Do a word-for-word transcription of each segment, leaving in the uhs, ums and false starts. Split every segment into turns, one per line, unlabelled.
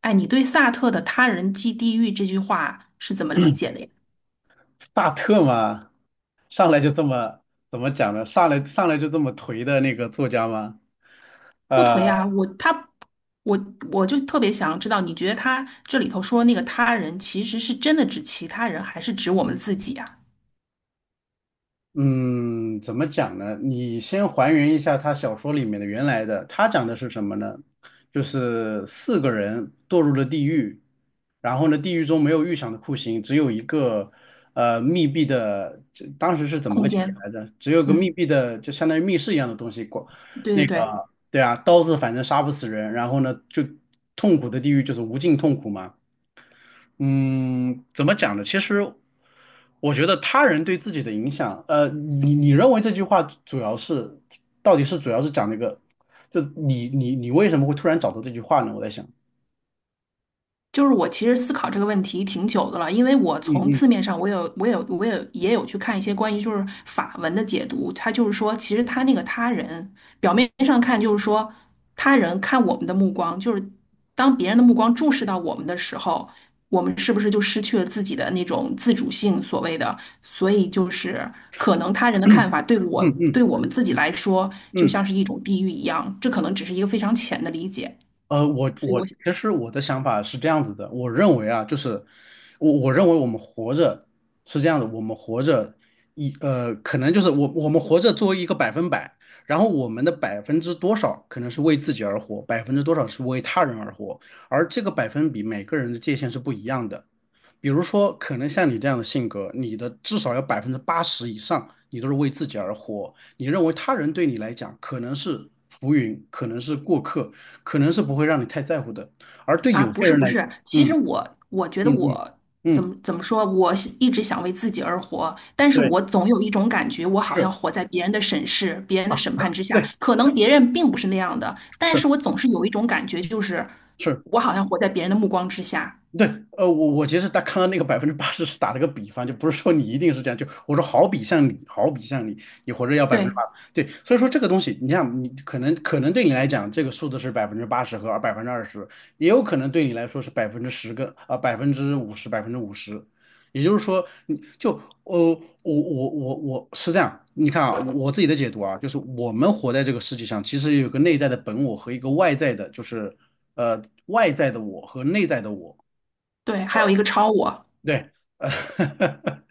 哎，你对萨特的“他人即地狱”这句话是怎么理解的呀？
大特吗？上来就这么怎么讲呢？上来上来就这么颓的那个作家吗？
不颓
呃
啊，我他我我就特别想知道，你觉得他这里头说那个他人，其实是真的指其他人，还是指我们自己啊？
嗯，怎么讲呢？你先还原一下他小说里面的原来的，他讲的是什么呢？就是四个人堕入了地狱，然后呢，地狱中没有预想的酷刑，只有一个呃密闭的，这当时是怎么
空
个情节
间，
来着？只有个密
嗯，
闭的，就相当于密室一样的东西，过
对对
那
对，
个对啊，刀子反正杀不死人，然后呢，就痛苦的地狱就是无尽痛苦嘛。嗯，怎么讲呢？其实我觉得他人对自己的影响，呃，你你认为这句话主要是，到底是主要是讲那个，就你你你为什么会突然找到这句话呢？我在想，
就是我其实思考这个问题挺久的了，因为我
嗯
从
嗯
字面上我有我有我有也有去看一些关于就是法文的解读，它就是说，其实他那个他人表面上看就是说他人看我们的目光，就是当别人的目光注视到我们的时候，我们是不是就失去了自己的那种自主性，所谓的，所以就是可能他人的看法对
嗯
我对
嗯
我们自己来说就
嗯。
像是一种地狱一样，这可能只是一个非常浅的理解，
呃，我
所以
我
我
其实我的想法是这样子的，我认为啊，就是我我认为我们活着是这样的，我们活着一呃，可能就是我我们活着作为一个百分百，然后我们的百分之多少可能是为自己而活，百分之多少是为他人而活，而这个百分比每个人的界限是不一样的。比如说，可能像你这样的性格，你的至少有百分之八十以上，你都是为自己而活。你认为他人对你来讲可能是浮云，可能是过客，可能是不会让你太在乎的。而对
啊，
有
不
些
是
人
不
来，
是，其实
嗯
我我觉得
嗯嗯
我怎
嗯，
么怎么说，我是一直想为自己而活，但是
对，
我总有一种感觉，我好像
是
活在别人的审视、别人
啊，
的审判之下。
对，
可能别人并不是那样的，但
是
是我总是有一种感觉，就是
是。
我好像活在别人的目光之下。
对，呃，我我其实他看到那个百分之八十是打了个比方，就不是说你一定是这样，就我说好比像你，好比像你，你活着要百分之
对
八，对，所以说这个东西，你像你可能可能对你来讲，这个数字是百分之八十和百分之二十，也有可能对你来说是百分之十个啊百分之五十百分之五十，也就是说你就呃我我我我是这样，你看啊，我自己的解读啊，就是我们活在这个世界上，其实有个内在的本我和一个外在的，就是呃外在的我和内在的我。
对，还有一个超我，
对，呃，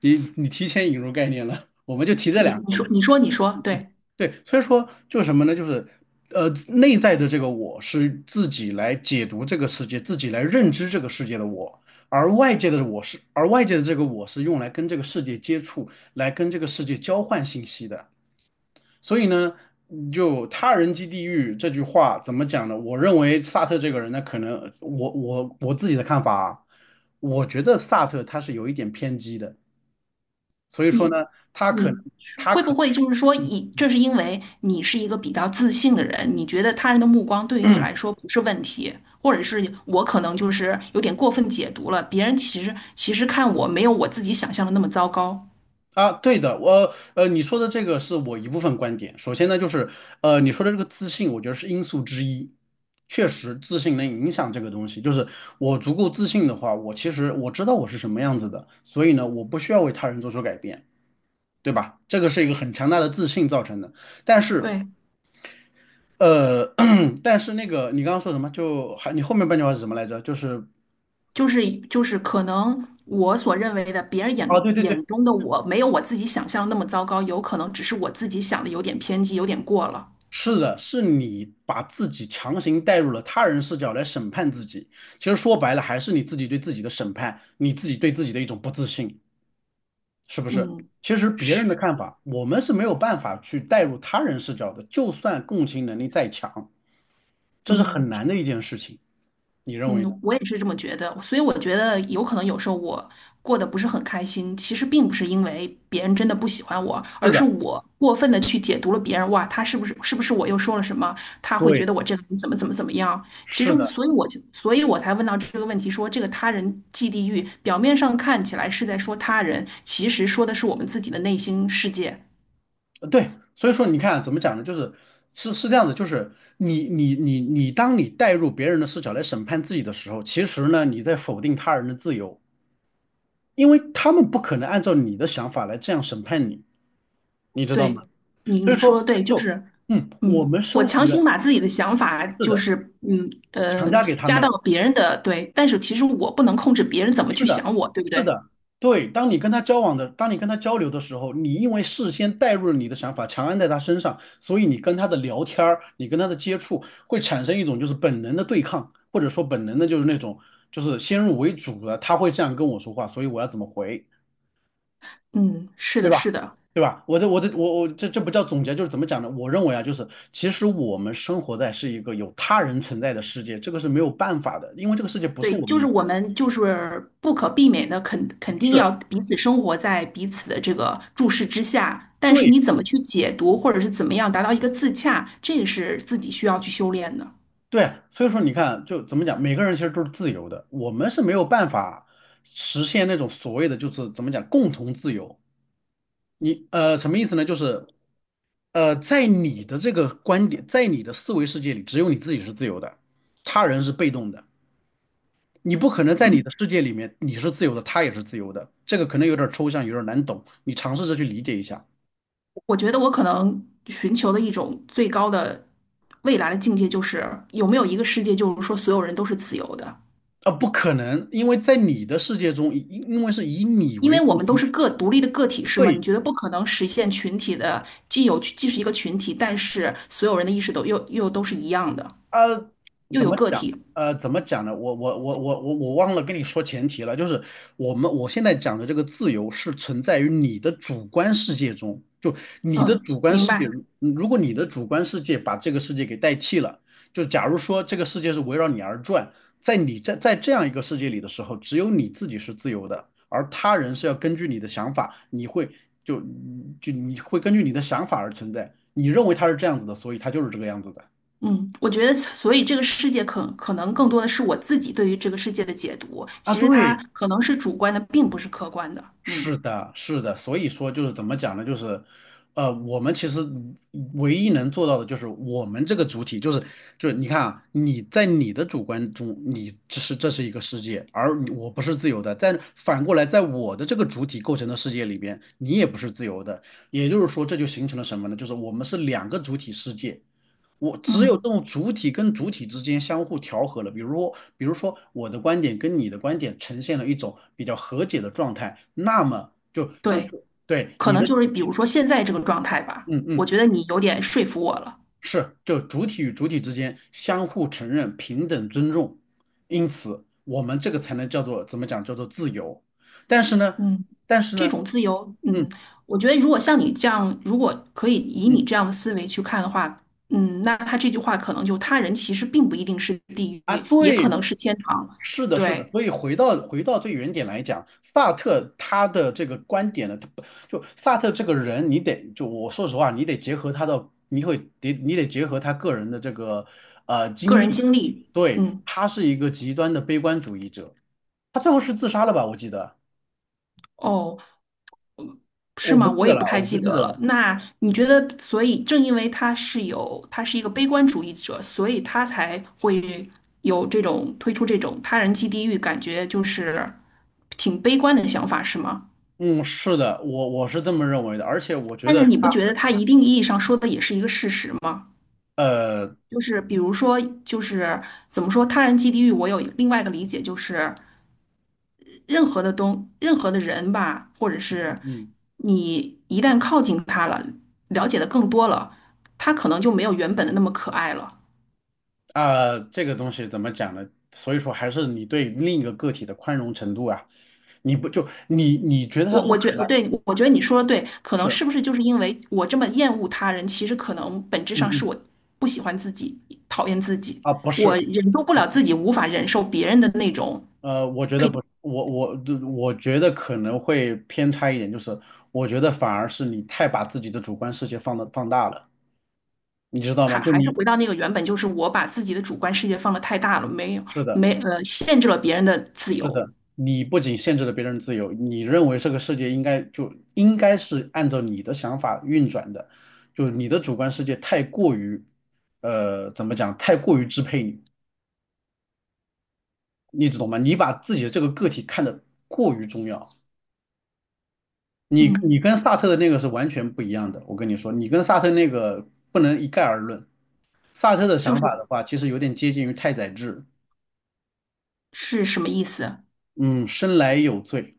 你你提前引入概念了，我们就提这
你
两
你
个嘛。
说你说你说，对。
对，所以说就是什么呢？就是呃，内在的这个我是自己来解读这个世界，自己来认知这个世界的我，而外界的我是，而外界的这个我是用来跟这个世界接触，来跟这个世界交换信息的。所以呢，就他人即地狱这句话怎么讲呢？我认为萨特这个人呢，可能我我我自己的看法啊，我觉得萨特他是有一点偏激的。所以说呢，
你
他可能
你
他
会
可
不会就是说以，
嗯
这是因为你是一个比较自信的人，你觉得他人的目光对于你来说不是问题，或者是我可能就是有点过分解读了，别人其实其实看我没有我自己想象的那么糟糕。
啊，对的，我呃，你说的这个是我一部分观点。首先呢，就是呃，你说的这个自信，我觉得是因素之一。确实，自信能影响这个东西。就是我足够自信的话，我其实我知道我是什么样子的，所以呢，我不需要为他人做出改变。对吧？这个是一个很强大的自信造成的。但是，
对，
呃，但是那个你刚刚说什么？就还你后面半句话是什么来着？就是
就是就是可能我所认为的别人
啊，
眼
对对对。
眼中的我没有我自己想象的那么糟糕，有可能只是我自己想的有点偏激，有点过了。
是的，是你把自己强行带入了他人视角来审判自己。其实说白了，还是你自己对自己的审判，你自己对自己的一种不自信，是不是？
嗯，
其实别人的
是，
看法，我们是没有办法去带入他人视角的，就算共情能力再强，这是很
嗯。
难的一件事情。你认为呢？
嗯，我也是这么觉得，所以我觉得有可能有时候我过得不是很开心，其实并不是因为别人真的不喜欢我，
是
而是
的，
我过分的去解读了别人，哇，他是不是是不是我又说了什么，他会觉
对，
得我这个人怎么怎么怎么样？其实
是
我，
的，
所以我就，所以我才问到这个问题说，这个他人即地狱，表面上看起来是在说他人，其实说的是我们自己的内心世界。
呃对。所以说，你看啊怎么讲呢？就是是是这样子，就是你你你你，当你带入别人的视角来审判自己的时候，其实呢，你在否定他人的自由。因为他们不可能按照你的想法来这样审判你，你知道
对，
吗？
你
所
你
以
说得
说，
对，就
就
是，
嗯，我
嗯，
们
我
生活
强
的
行把自己的想法，
是
就
的，
是，嗯
强
呃，
加给他
加
们
到
了，
别人的，对，但是其实我不能控制别人怎么
是
去
的，
想我，对不
是
对？
的，对。当你跟他交往的，当你跟他交流的时候，你因为事先带入了你的想法，强按在他身上，所以你跟他的聊天儿，你跟他的接触会产生一种就是本能的对抗，或者说本能的就是那种就是先入为主的，他会这样跟我说话，所以我要怎么回？
嗯，是
对
的，是
吧？
的，
对吧？我这我这我我这这不叫总结，就是怎么讲呢？我认为啊，就是其实我们生活在是一个有他人存在的世界，这个是没有办法的，因为这个世界不是
对，
我们
就
一
是
个
我
人，
们就是不可避免的肯肯定
是
要彼此生活在彼此的这个注视之下，但是
对
你怎么去解读，或者是怎么样达到一个自洽，这个是自己需要去修炼的。
对，所以说你看，就怎么讲，每个人其实都是自由的，我们是没有办法实现那种所谓的就是怎么讲共同自由。你呃什么意思呢？就是呃在你的这个观点，在你的思维世界里，只有你自己是自由的，他人是被动的。你不可能在你
嗯。
的世界里面你是自由的，他也是自由的，这个可能有点抽象，有点难懂，你尝试着去理解一下。
我觉得我可能寻求的一种最高的未来的境界，就是有没有一个世界，就是说所有人都是自由的，
啊、不可能，因为在你的世界中，因因为是以你
因
为
为
中
我们都
心，
是个独立的个体，是吗？你
对，
觉得不可能实现群体的，既有既是一个群体，但是所有人的意识都又又都是一样的，
呃，
又
怎
有
么
个
讲？
体。
呃，怎么讲呢？我我我我我我忘了跟你说前提了，就是我们我现在讲的这个自由是存在于你的主观世界中，就你的
嗯，
主观
明
世界，
白。
嗯如果你的主观世界把这个世界给代替了，就假如说这个世界是围绕你而转，在你在在这样一个世界里的时候，只有你自己是自由的，而他人是要根据你的想法，你会就就你会根据你的想法而存在，你认为他是这样子的，所以他就是这个样子的。
嗯，我觉得，所以这个世界可可能更多的是我自己对于这个世界的解读，
啊，
其实它
对，
可能是主观的，并不是客观的。嗯
是的，是的，所以说就是怎么讲呢？就是，呃，我们其实唯一能做到的就是我们这个主体，就是就是你看啊，你在你的主观中，你这是这是一个世界，而你我不是自由的。在反过来，在我的这个主体构成的世界里边，你也不是自由的。也就是说，这就形成了什么呢？就是我们是两个主体世界。我只有这
嗯，
种主体跟主体之间相互调和了，比如说比如说我的观点跟你的观点呈现了一种比较和解的状态，那么就像
对。
对
可
你
能
的，
就是比如说现在这个状态吧，
嗯
我
嗯，
觉得你有点说服我了。
是，就主体与主体之间相互承认、平等尊重，因此我们这个才能叫做怎么讲，叫做自由。但是呢，
嗯，
但是
这
呢，
种自由，
嗯
嗯，我觉得如果像你这样，如果可以
嗯
以你
嗯
这样的思维去看的话，嗯，那他这句话可能就他人其实并不一定是地
啊，
狱，也
对，
可能是天堂。
是的，是的，
对，
所以回到回到最原点来讲，萨特他的这个观点呢，他不就萨特这个人，你得就我说实话，你得结合他的，你会得你得结合他个人的这个呃
个
经
人
历，
经历，
对，
嗯，
他是一个极端的悲观主义者，他最后是自杀了吧？我记得，
哦，是
我不
吗？
记
我也
得
不
了，
太
我不
记
记
得
得
了。
了。
那你觉得，所以正因为他是有，他是一个悲观主义者，所以他才会有这种推出这种他人即地狱，感觉就是挺悲观的想法，是吗？
嗯，是的，我我是这么认为的，而且我觉
但
得
是你不
他
觉得他一定意义上说的也是一个事实吗？
呃嗯
就是比如说，就是怎么说，他人即地狱，我有另外一个理解，就是任何的东，任何的人吧，或者是
嗯。嗯
你一旦靠近他了，了解的更多了，他可能就没有原本的那么可爱了。
啊、这个东西怎么讲呢？所以说还是你对另一个个体的宽容程度啊，你不就你你觉得他
我
不
我觉
可能
得对，我觉得你说的对，可能
是，
是不是就是因为我这么厌恶他人，其实可能本质
嗯
上是
嗯
我不喜欢自己，讨厌自己，
啊不
我
是，
忍受不了自己，无法忍受别人的那种
呃，我觉得
被，
不，我我我觉得可能会偏差一点，就是我觉得反而是你太把自己的主观世界放的放大了，你知道
还
吗？就
还是
你
回到那个原本，就是我把自己的主观世界放得太大了，没有
是的。
没呃限制了别人的自
是
由，
的，你不仅限制了别人自由，你认为这个世界应该就应该是按照你的想法运转的，就是你的主观世界太过于，呃，怎么讲，太过于支配你，你懂吗？你把自己的这个个体看得过于重要，你
嗯。
你跟萨特的那个是完全不一样的，我跟你说，你跟萨特那个不能一概而论。萨特的
就
想
是
法的话，其实有点接近于太宰治，
是什么意思？
嗯，生来有罪，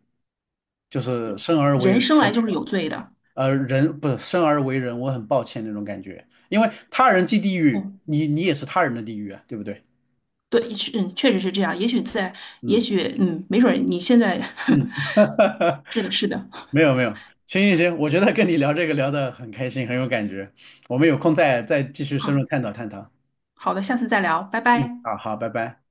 就是生而为
人
人。
生来就是有罪的。
呃，人不是生而为人，我很抱歉那种感觉，因为他人即地狱，
哦，
你你也是他人的地狱啊，对不对？
对，是嗯，确实是这样。也许在，也
嗯
许，嗯，没准儿你现在
嗯，
是的，是的。
没有没有，行行行，我觉得跟你聊这个聊得很开心，很有感觉，我们有空再再继续深
好，
入探讨探讨。
好的，下次再聊，拜
嗯，
拜。
好好，拜拜。